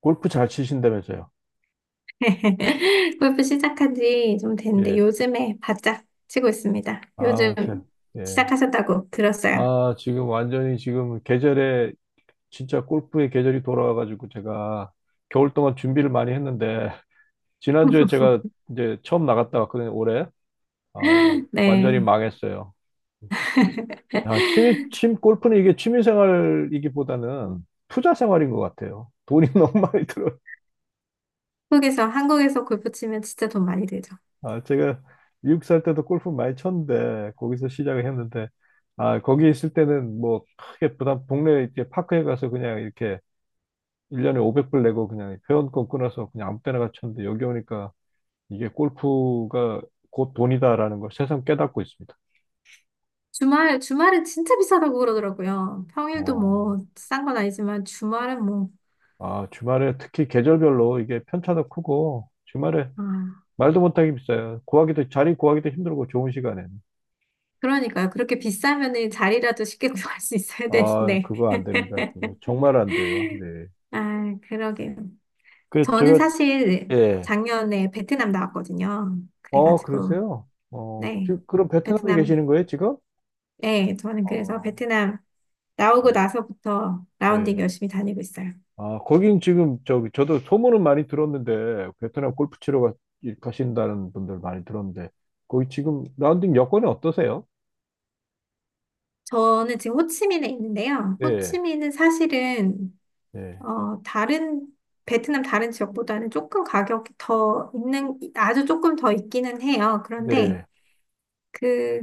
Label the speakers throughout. Speaker 1: 골프 잘 치신다면서요?
Speaker 2: 골프 시작한 지 좀 됐는데
Speaker 1: 예.
Speaker 2: 요즘에 바짝 치고 있습니다. 요즘
Speaker 1: 아, 참. 예.
Speaker 2: 시작하셨다고 들었어요.
Speaker 1: 아, 지금 완전히 지금 계절에 진짜 골프의 계절이 돌아와가지고 제가 겨울 동안 준비를 많이 했는데 지난주에 제가 이제 처음 나갔다 왔거든요, 올해. 아, 완전히
Speaker 2: 네.
Speaker 1: 망했어요. 야, 골프는 이게 취미생활이기보다는 투자생활인 것 같아요. 돈이 너무 많이 들어요.
Speaker 2: 한국에서 골프 치면 진짜 돈 많이 들죠.
Speaker 1: 아, 제가 미국 살 때도 골프 많이 쳤는데 거기서 시작을 했는데, 아, 거기 있을 때는 뭐 크게 부담 동네 이렇게 파크에 가서 그냥 이렇게 1년에 500불 내고 그냥 회원권 끊어서 그냥 아무 때나 가 쳤는데, 여기 오니까 이게 골프가 곧 돈이다라는 걸 새삼 깨닫고 있습니다.
Speaker 2: 주말은 진짜 비싸다고 그러더라고요. 평일도
Speaker 1: 어,
Speaker 2: 뭐, 싼 건 아니지만 주말은 뭐,
Speaker 1: 아, 주말에 특히 계절별로 이게 편차도 크고 주말에
Speaker 2: 아,
Speaker 1: 말도 못하게 비싸요. 구하기도, 자리 구하기도 힘들고, 좋은 시간에는.
Speaker 2: 그러니까요. 그렇게 비싸면은 자리라도 쉽게 구할 수 있어야
Speaker 1: 아,
Speaker 2: 되는데.
Speaker 1: 그거 안 됩니다. 그거 정말 안 돼요. 네.
Speaker 2: 아, 그러게요.
Speaker 1: 그
Speaker 2: 저는
Speaker 1: 제가
Speaker 2: 사실
Speaker 1: 예.
Speaker 2: 작년에 베트남 나왔거든요.
Speaker 1: 어,
Speaker 2: 그래가지고,
Speaker 1: 그러세요? 어,
Speaker 2: 네.
Speaker 1: 지금 그럼 베트남에
Speaker 2: 베트남,
Speaker 1: 계시는 거예요, 지금?
Speaker 2: 네. 저는 그래서
Speaker 1: 어,
Speaker 2: 베트남 나오고
Speaker 1: 어.
Speaker 2: 나서부터 라운딩
Speaker 1: 네.
Speaker 2: 열심히 다니고 있어요.
Speaker 1: 아, 거긴 지금 저기 저도 소문은 많이 들었는데 베트남 골프 치러 가신다는 분들 많이 들었는데, 거기 지금 라운딩 여건이 어떠세요?
Speaker 2: 저는 지금 호치민에 있는데요.
Speaker 1: 네,
Speaker 2: 호치민은 사실은,
Speaker 1: 네,
Speaker 2: 어, 다른, 베트남 다른 지역보다는 조금 가격이 더 있는, 아주 조금 더 있기는 해요. 그런데,
Speaker 1: 네,
Speaker 2: 그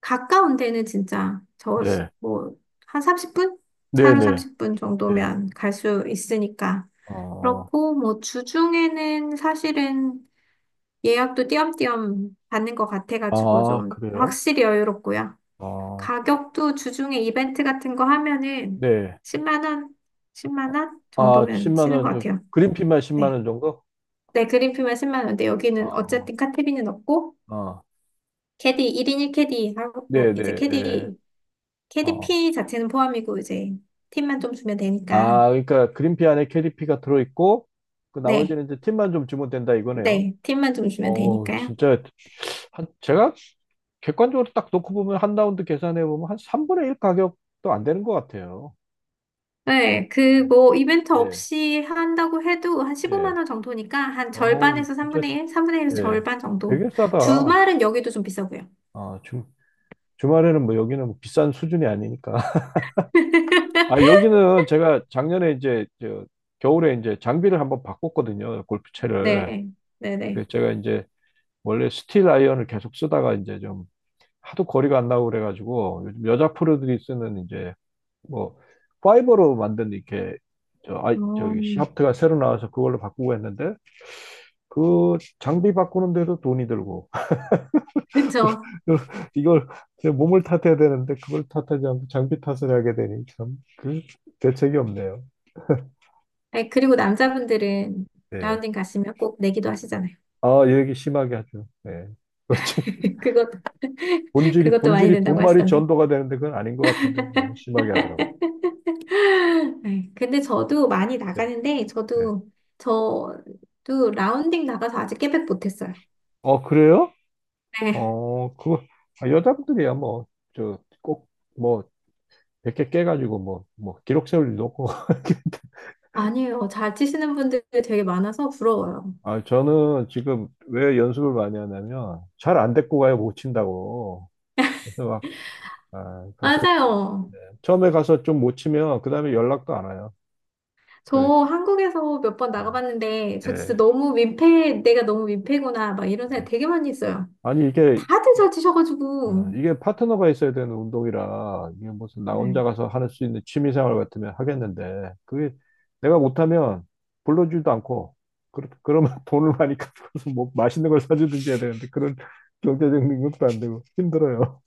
Speaker 2: 가까운 데는 진짜
Speaker 1: 네,
Speaker 2: 뭐 한 30분?
Speaker 1: 네,
Speaker 2: 차로
Speaker 1: 네,
Speaker 2: 30분
Speaker 1: 네.
Speaker 2: 정도면 갈 수 있으니까.
Speaker 1: 아,
Speaker 2: 그렇고 뭐 주중에는 사실은 예약도 띄엄띄엄 받는 것 같아가지고
Speaker 1: 아,
Speaker 2: 좀
Speaker 1: 그래요?
Speaker 2: 확실히 여유롭고요.
Speaker 1: 아,
Speaker 2: 가격도 주중에 이벤트 같은 거 하면은
Speaker 1: 네.
Speaker 2: 10만 원, 10만 원
Speaker 1: 아,
Speaker 2: 정도면
Speaker 1: 10만
Speaker 2: 쓰는
Speaker 1: 원,
Speaker 2: 것
Speaker 1: 저,
Speaker 2: 같아요.
Speaker 1: 그린피만 10만
Speaker 2: 네.
Speaker 1: 원 정도?
Speaker 2: 네, 그린피만 10만 원인데 여기는
Speaker 1: 아,
Speaker 2: 어쨌든 카테비는 없고
Speaker 1: 아,
Speaker 2: 캐디 1인 1캐디
Speaker 1: 네,
Speaker 2: 하고 이제
Speaker 1: 네,
Speaker 2: 캐디
Speaker 1: 예.
Speaker 2: KDP 자체는 포함이고 이제 팁만 좀 주면 되니까.
Speaker 1: 아, 그러니까 그린피 안에 캐리피가 들어있고, 그
Speaker 2: 네,
Speaker 1: 나머지는 이제 팁만 좀 주면 된다 이거네요.
Speaker 2: 네, 팁만 좀 주면
Speaker 1: 어,
Speaker 2: 되니까요.
Speaker 1: 진짜 한 제가 객관적으로 딱 놓고 보면, 한 라운드 계산해 보면 한 3분의 1 가격도 안 되는 것 같아요.
Speaker 2: 네, 그
Speaker 1: 네,
Speaker 2: 뭐 이벤트
Speaker 1: 예,
Speaker 2: 없이 한다고 해도 한 15만
Speaker 1: 예.
Speaker 2: 원 정도니까 한
Speaker 1: 어우,
Speaker 2: 절반에서
Speaker 1: 진짜
Speaker 2: 3분의 1, 3분의 1에서
Speaker 1: 예.
Speaker 2: 절반 정도.
Speaker 1: 되게 싸다.
Speaker 2: 주말은 여기도 좀 비싸고요.
Speaker 1: 아, 주말에는 뭐, 여기는 뭐 비싼 수준이 아니니까. 아, 여기는 제가 작년에 이제 저 겨울에 이제 장비를 한번 바꿨거든요. 골프채를.
Speaker 2: 네,
Speaker 1: 그
Speaker 2: 네네.
Speaker 1: 제가 이제 원래 스틸 아이언을 계속 쓰다가 이제 좀 하도 거리가 안 나고 그래가지고, 요즘 여자 프로들이 쓰는 이제 뭐 파이버로 만든 이렇게 저 아이
Speaker 2: 어,
Speaker 1: 저기 샤프트가 새로 나와서 그걸로 바꾸고 했는데, 그 장비 바꾸는데도 돈이 들고
Speaker 2: 그렇죠.
Speaker 1: 이걸 제 몸을 탓해야 되는데 그걸 탓하지 않고 장비 탓을 하게 되니, 참 그 대책이 없네요.
Speaker 2: 그리고 남자분들은
Speaker 1: 예.
Speaker 2: 라운딩 가시면 꼭 내기도 하시잖아요.
Speaker 1: 아, 얘기 심하게 하죠. 예. 그렇지.
Speaker 2: 그것,
Speaker 1: 본질이
Speaker 2: 그것도 많이
Speaker 1: 본질이
Speaker 2: 된다고
Speaker 1: 본말이
Speaker 2: 하시던데.
Speaker 1: 전도가 되는데, 그건 아닌 것 같은데 너무 심하게 하더라고.
Speaker 2: 네, 근데 저도 많이
Speaker 1: 네.
Speaker 2: 나가는데,
Speaker 1: 네.
Speaker 2: 저도 라운딩 나가서 아직 깨백 못했어요.
Speaker 1: 어, 그래요?
Speaker 2: 네.
Speaker 1: 어, 그거, 아, 여자분들이야, 뭐, 저, 꼭, 뭐, 100개 깨가지고, 뭐, 뭐, 기록 세울 일도 없고.
Speaker 2: 아니에요. 잘 치시는 분들이 되게 많아서 부러워요.
Speaker 1: 아, 저는 지금 왜 연습을 많이 하냐면, 잘 안 데리고 가요, 못 친다고. 그래서 막, 아, 가서,
Speaker 2: 맞아요.
Speaker 1: 네. 처음에 가서 좀 못 치면, 그 다음에 연락도 안 와요.
Speaker 2: 저
Speaker 1: 그,
Speaker 2: 한국에서 몇 번 나가봤는데, 저 진짜
Speaker 1: 예.
Speaker 2: 너무 민폐, 내가 너무 민폐구나, 막 이런 생각
Speaker 1: 예.
Speaker 2: 되게 많이 했어요.
Speaker 1: 아니, 이게
Speaker 2: 다들 잘
Speaker 1: 어,
Speaker 2: 치셔가지고.
Speaker 1: 이게 파트너가 있어야 되는 운동이라, 이게 무슨 나 혼자
Speaker 2: 네.
Speaker 1: 가서 할 수 있는 취미생활 같으면 하겠는데, 그게 내가 못하면 불러주지도 않고, 그러면 돈을 많이 갚아서 뭐 맛있는 걸 사주든지 해야 되는데, 그런 경제적 능력도 안 되고 힘들어요.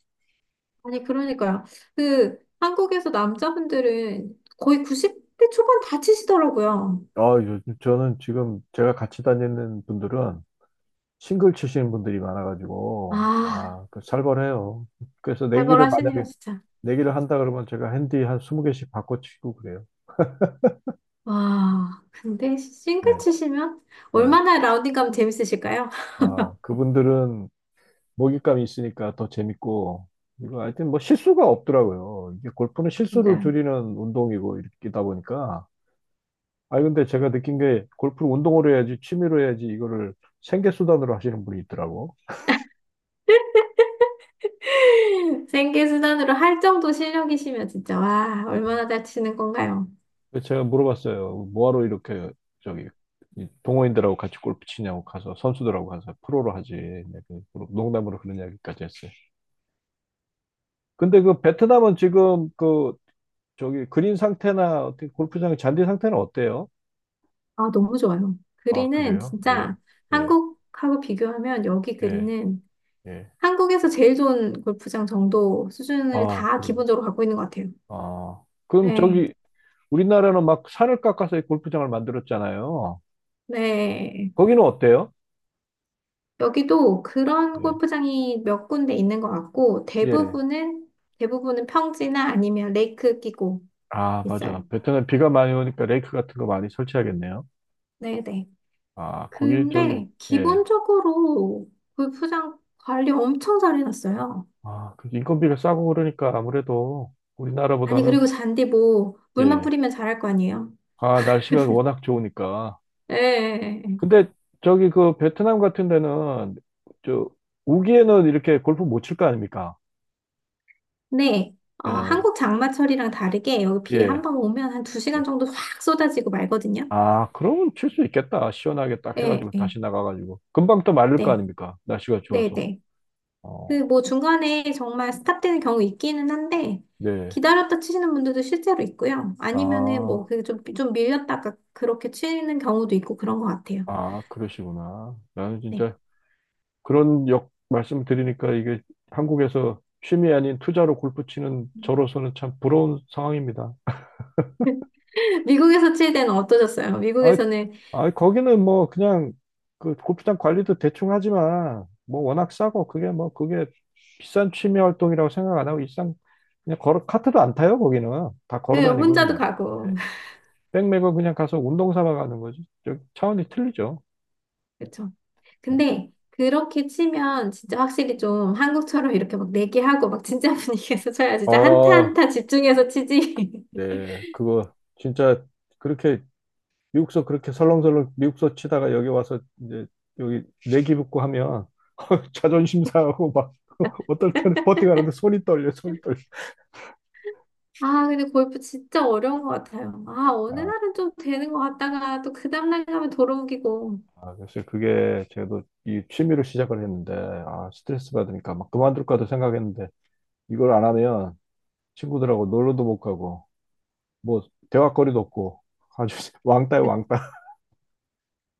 Speaker 2: 아니, 그러니까요. 그, 한국에서 남자분들은 거의 90대 초반 다 치시더라고요.
Speaker 1: 아, 요즘 저는 지금 제가 같이 다니는 분들은 싱글 치시는 분들이 많아가지고
Speaker 2: 아,
Speaker 1: 아, 그 살벌해요. 그래서 내기를
Speaker 2: 살벌하시네요,
Speaker 1: 만약에
Speaker 2: 진짜.
Speaker 1: 내기를 한다 그러면, 제가 핸디 한 20개씩 바꿔 치고 그래요.
Speaker 2: 와, 근데 싱글
Speaker 1: 예,
Speaker 2: 치시면
Speaker 1: 예.
Speaker 2: 얼마나 라운딩 가면 재밌으실까요?
Speaker 1: 아, 그분들은 먹잇감이 있으니까 더 재밌고, 이거 하여튼 뭐 실수가 없더라고요. 이게 골프는 실수를
Speaker 2: 맞아요.
Speaker 1: 줄이는 운동이고, 이렇게다 보니까. 아, 근데 제가 느낀 게, 골프를 운동으로 해야지, 취미로 해야지, 이거를 생계수단으로 하시는 분이 있더라고.
Speaker 2: 생계 수단으로 할 정도 실력이시면 진짜 와, 얼마나 잘 치는 건가요?
Speaker 1: 그래서 제가 물어봤어요. 뭐하러 이렇게, 저기, 이 동호인들하고 같이 골프 치냐고, 가서, 선수들하고 가서 프로로 하지. 네, 그 농담으로 그런 이야기까지 했어요. 근데 그 베트남은 지금 그, 저기, 그린 상태나, 어떻게 골프장 잔디 상태는 어때요?
Speaker 2: 아, 너무 좋아요.
Speaker 1: 아,
Speaker 2: 그린은
Speaker 1: 그래요? 예.
Speaker 2: 진짜
Speaker 1: 예.
Speaker 2: 한국하고 비교하면 여기
Speaker 1: 예,
Speaker 2: 그린은
Speaker 1: 예.
Speaker 2: 한국에서 제일 좋은 골프장 정도 수준을
Speaker 1: 아,
Speaker 2: 다
Speaker 1: 그래요.
Speaker 2: 기본적으로 갖고 있는 것 같아요.
Speaker 1: 아, 그럼
Speaker 2: 네,
Speaker 1: 저기 우리나라는 막 산을 깎아서 골프장을 만들었잖아요.
Speaker 2: 네.
Speaker 1: 거기는 어때요?
Speaker 2: 여기도 그런
Speaker 1: 예,
Speaker 2: 골프장이 몇 군데 있는 것 같고
Speaker 1: 예.
Speaker 2: 대부분은 평지나 아니면 레이크 끼고
Speaker 1: 아, 맞아.
Speaker 2: 있어요.
Speaker 1: 베트남 비가 많이 오니까 레이크 같은 거 많이 설치하겠네요.
Speaker 2: 네네.
Speaker 1: 아, 거기 저기
Speaker 2: 근데
Speaker 1: 예.
Speaker 2: 기본적으로 골프장 관리 엄청 잘 해놨어요.
Speaker 1: 아, 그 인건비가 싸고 그러니까 아무래도
Speaker 2: 아니,
Speaker 1: 우리나라보다는.
Speaker 2: 그리고 잔디 뭐, 물만
Speaker 1: 예.
Speaker 2: 뿌리면 잘할 거 아니에요?
Speaker 1: 아, 날씨가 워낙 좋으니까.
Speaker 2: 예. 예, 예.
Speaker 1: 근데 저기 그 베트남 같은 데는 저 우기에는 이렇게 골프 못 칠 거 아닙니까?
Speaker 2: 네. 어,
Speaker 1: 예.
Speaker 2: 한국 장마철이랑 다르게 여기 비 한번 오면 한 두
Speaker 1: 예.
Speaker 2: 시간 정도 확 쏟아지고 말거든요.
Speaker 1: 아, 그러면 칠 수 있겠다. 시원하게 딱
Speaker 2: 예,
Speaker 1: 해가지고
Speaker 2: 예.
Speaker 1: 다시 나가가지고. 금방 또 마를 거
Speaker 2: 네.
Speaker 1: 아닙니까? 날씨가 좋아서.
Speaker 2: 네네. 그
Speaker 1: 어,
Speaker 2: 뭐 중간에 정말 스탑되는 경우 있기는 한데,
Speaker 1: 네.
Speaker 2: 기다렸다 치시는 분들도 실제로 있고요. 아니면은 뭐,
Speaker 1: 아,
Speaker 2: 그 좀 밀렸다가 그렇게 치는 경우도 있고 그런 것 같아요.
Speaker 1: 아, 그러시구나. 나는
Speaker 2: 네.
Speaker 1: 진짜 그런 역 말씀 드리니까 이게 한국에서 취미 아닌 투자로 골프 치는 저로서는 참 부러운 상황입니다.
Speaker 2: 미국에서 칠 때는 어떠셨어요?
Speaker 1: 아,
Speaker 2: 미국에서는
Speaker 1: 아, 거기는 뭐 그냥 그 골프장 관리도 대충 하지만 뭐 워낙 싸고, 그게 뭐 그게 비싼 취미 활동이라고 생각 안 하고 일상 그냥 걸어, 카트도 안 타요 거기는, 다 걸어
Speaker 2: 그
Speaker 1: 다니고
Speaker 2: 혼자도
Speaker 1: 그냥 예.
Speaker 2: 가고
Speaker 1: 백메고 그냥 가서 운동 삼아 가는 거지. 저 차원이 틀리죠.
Speaker 2: 그렇죠.
Speaker 1: 예.
Speaker 2: 근데 그렇게 치면 진짜 확실히 좀 한국처럼 이렇게 막 내기하고 막 진짜 분위기에서 쳐야 진짜 한타
Speaker 1: 아,
Speaker 2: 한타 집중해서 치지.
Speaker 1: 네. 그거 진짜 그렇게 미국서 그렇게 설렁설렁 미국서 치다가 여기 와서 이제 여기 내기 붙고 하면 자존심 상하고 막 어떨 때는 버팅하는데 손이 떨려, 손이 떨려.
Speaker 2: 아, 근데 골프 진짜 어려운 것 같아요. 아, 어느 날은 좀 되는 것 같다가 또 그 다음날 가면 돌아오기고.
Speaker 1: 아, 그래서 그게 저도 이 취미로 시작을 했는데, 아, 스트레스 받으니까 막 그만둘까도 생각했는데, 이걸 안 하면 친구들하고 놀러도 못 가고, 뭐, 대화거리도 없고, 아주 왕따요, 왕따.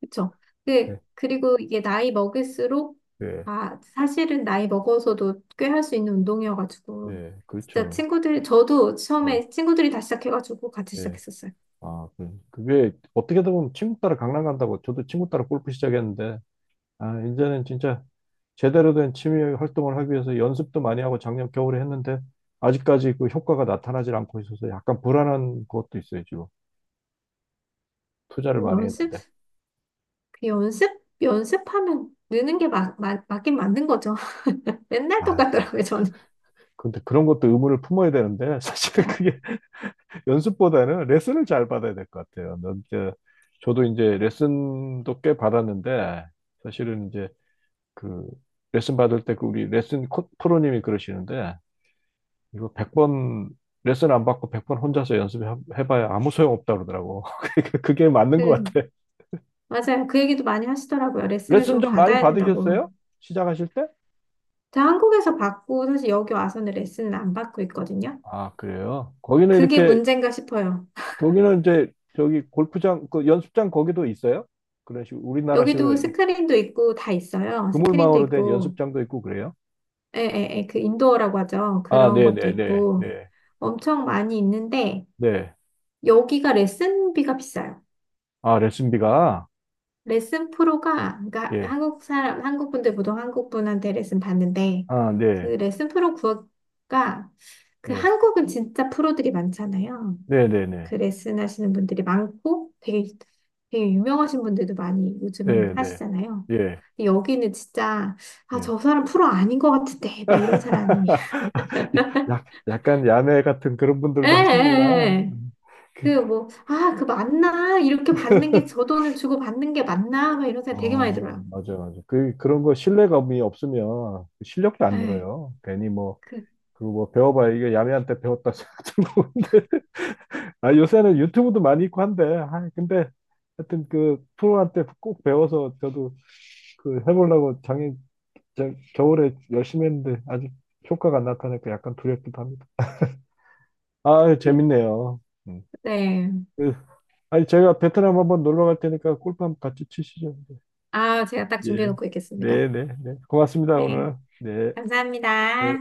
Speaker 2: 그쵸?
Speaker 1: 네,
Speaker 2: 그리고 이게 나이 먹을수록,
Speaker 1: 네,
Speaker 2: 아, 사실은 나이 먹어서도 꽤 할 수 있는 운동이어가지고,
Speaker 1: 네,
Speaker 2: 진짜
Speaker 1: 그렇죠.
Speaker 2: 친구들, 저도
Speaker 1: 네,
Speaker 2: 처음에 친구들이 다 시작해가지고 같이
Speaker 1: 네.
Speaker 2: 시작했었어요.
Speaker 1: 그게 어떻게 보면 친구 따라 강남 간다고 저도 친구 따라 골프 시작했는데, 아, 이제는 진짜 제대로 된 취미 활동을 하기 위해서 연습도 많이 하고 작년 겨울에 했는데, 아직까지 그 효과가 나타나질 않고 있어서 약간 불안한 것도 있어요, 지금. 투자를 많이
Speaker 2: 연습?
Speaker 1: 했는데.
Speaker 2: 그 연습? 연습하면 느는 게 막, 맞긴 맞는 거죠. 맨날
Speaker 1: 아, 그-
Speaker 2: 똑같더라고요, 저는.
Speaker 1: 근데 그런 것도 의무를 품어야 되는데, 사실은 그게 연습보다는 레슨을 잘 받아야 될 것 같아요. 넌 이제 저도 이제 레슨도 꽤 받았는데 사실은 이제 그 레슨 받을 때 그 우리 레슨 프로님이 그러시는데, 이거 100번 레슨 안 받고 100번 혼자서 연습해봐야 아무 소용 없다 그러더라고. 그게 맞는 것
Speaker 2: 음,
Speaker 1: 같아.
Speaker 2: 맞아요. 그 얘기도 많이 하시더라고요. 레슨을
Speaker 1: 레슨
Speaker 2: 좀
Speaker 1: 좀 많이
Speaker 2: 받아야 된다고.
Speaker 1: 받으셨어요? 시작하실 때?
Speaker 2: 제가 한국에서 받고, 사실 여기 와서는 레슨을 안 받고 있거든요.
Speaker 1: 아, 그래요? 거기는
Speaker 2: 그게
Speaker 1: 이렇게
Speaker 2: 문제인가 싶어요.
Speaker 1: 거기는 이제 저기 골프장 그 연습장 거기도 있어요? 그런 식으로 우리나라식으로
Speaker 2: 여기도 스크린도 있고 다 있어요. 스크린도
Speaker 1: 그물망으로 된
Speaker 2: 있고,
Speaker 1: 연습장도 있고 그래요?
Speaker 2: 그 인도어라고 하죠.
Speaker 1: 아,
Speaker 2: 그런
Speaker 1: 네,
Speaker 2: 것도
Speaker 1: 네, 네,
Speaker 2: 있고
Speaker 1: 네,
Speaker 2: 엄청 많이 있는데
Speaker 1: 네. 네.
Speaker 2: 여기가 레슨비가 비싸요.
Speaker 1: 아, 레슨비가
Speaker 2: 레슨 프로가 그러니까
Speaker 1: 예,
Speaker 2: 한국 사람 한국 분들 보통 한국 분한테 레슨 받는데
Speaker 1: 아,
Speaker 2: 그
Speaker 1: 네,
Speaker 2: 레슨 프로 구가 그
Speaker 1: 예,
Speaker 2: 한국은 진짜 프로들이 많잖아요.
Speaker 1: 네, 네, 네,
Speaker 2: 그 레슨 하시는 분들이 많고 되게 되게 유명하신 분들도 많이 요즘은
Speaker 1: 네, 네,
Speaker 2: 하시잖아요.
Speaker 1: 예,
Speaker 2: 근데 여기는 진짜 아,
Speaker 1: 네.
Speaker 2: 저 사람 프로 아닌 것 같은데 막 이런 사람이
Speaker 1: 약 약간 야매 같은 그런
Speaker 2: 예, 예,
Speaker 1: 분들도 하시는구나.
Speaker 2: 예. 그 뭐, 아, 그 맞나? 이렇게 받는 게 저 돈을 주고 받는 게 맞나? 막 이런 생각 되게 많이
Speaker 1: 어,
Speaker 2: 들어요.
Speaker 1: 맞아, 맞아. 그, 그런 거 신뢰감이 없으면 실력도 안
Speaker 2: 예.
Speaker 1: 늘어요. 괜히 뭐,
Speaker 2: 그,
Speaker 1: 그리고 뭐 배워봐야 이게 야매한테 배웠다 생각 들고 근데 아, 요새는 유튜브도 많이 있고 한데, 아, 근데 하여튼 그 프로한테 꼭 배워서 저도 그 해보려고 작년 겨울에 열심히 했는데, 아직 효과가 안 나타나니까 약간 두렵기도 합니다. 아, 재밌네요. 음.
Speaker 2: 네.
Speaker 1: 그, 아니 제가 베트남 한번 놀러 갈 테니까 골프 한번 같이 치시죠.
Speaker 2: 아, 제가 딱
Speaker 1: 예.
Speaker 2: 준비해놓고 있겠습니다.
Speaker 1: 네, 네, 네. 고맙습니다
Speaker 2: 네.
Speaker 1: 오늘. 네. 네.
Speaker 2: 감사합니다.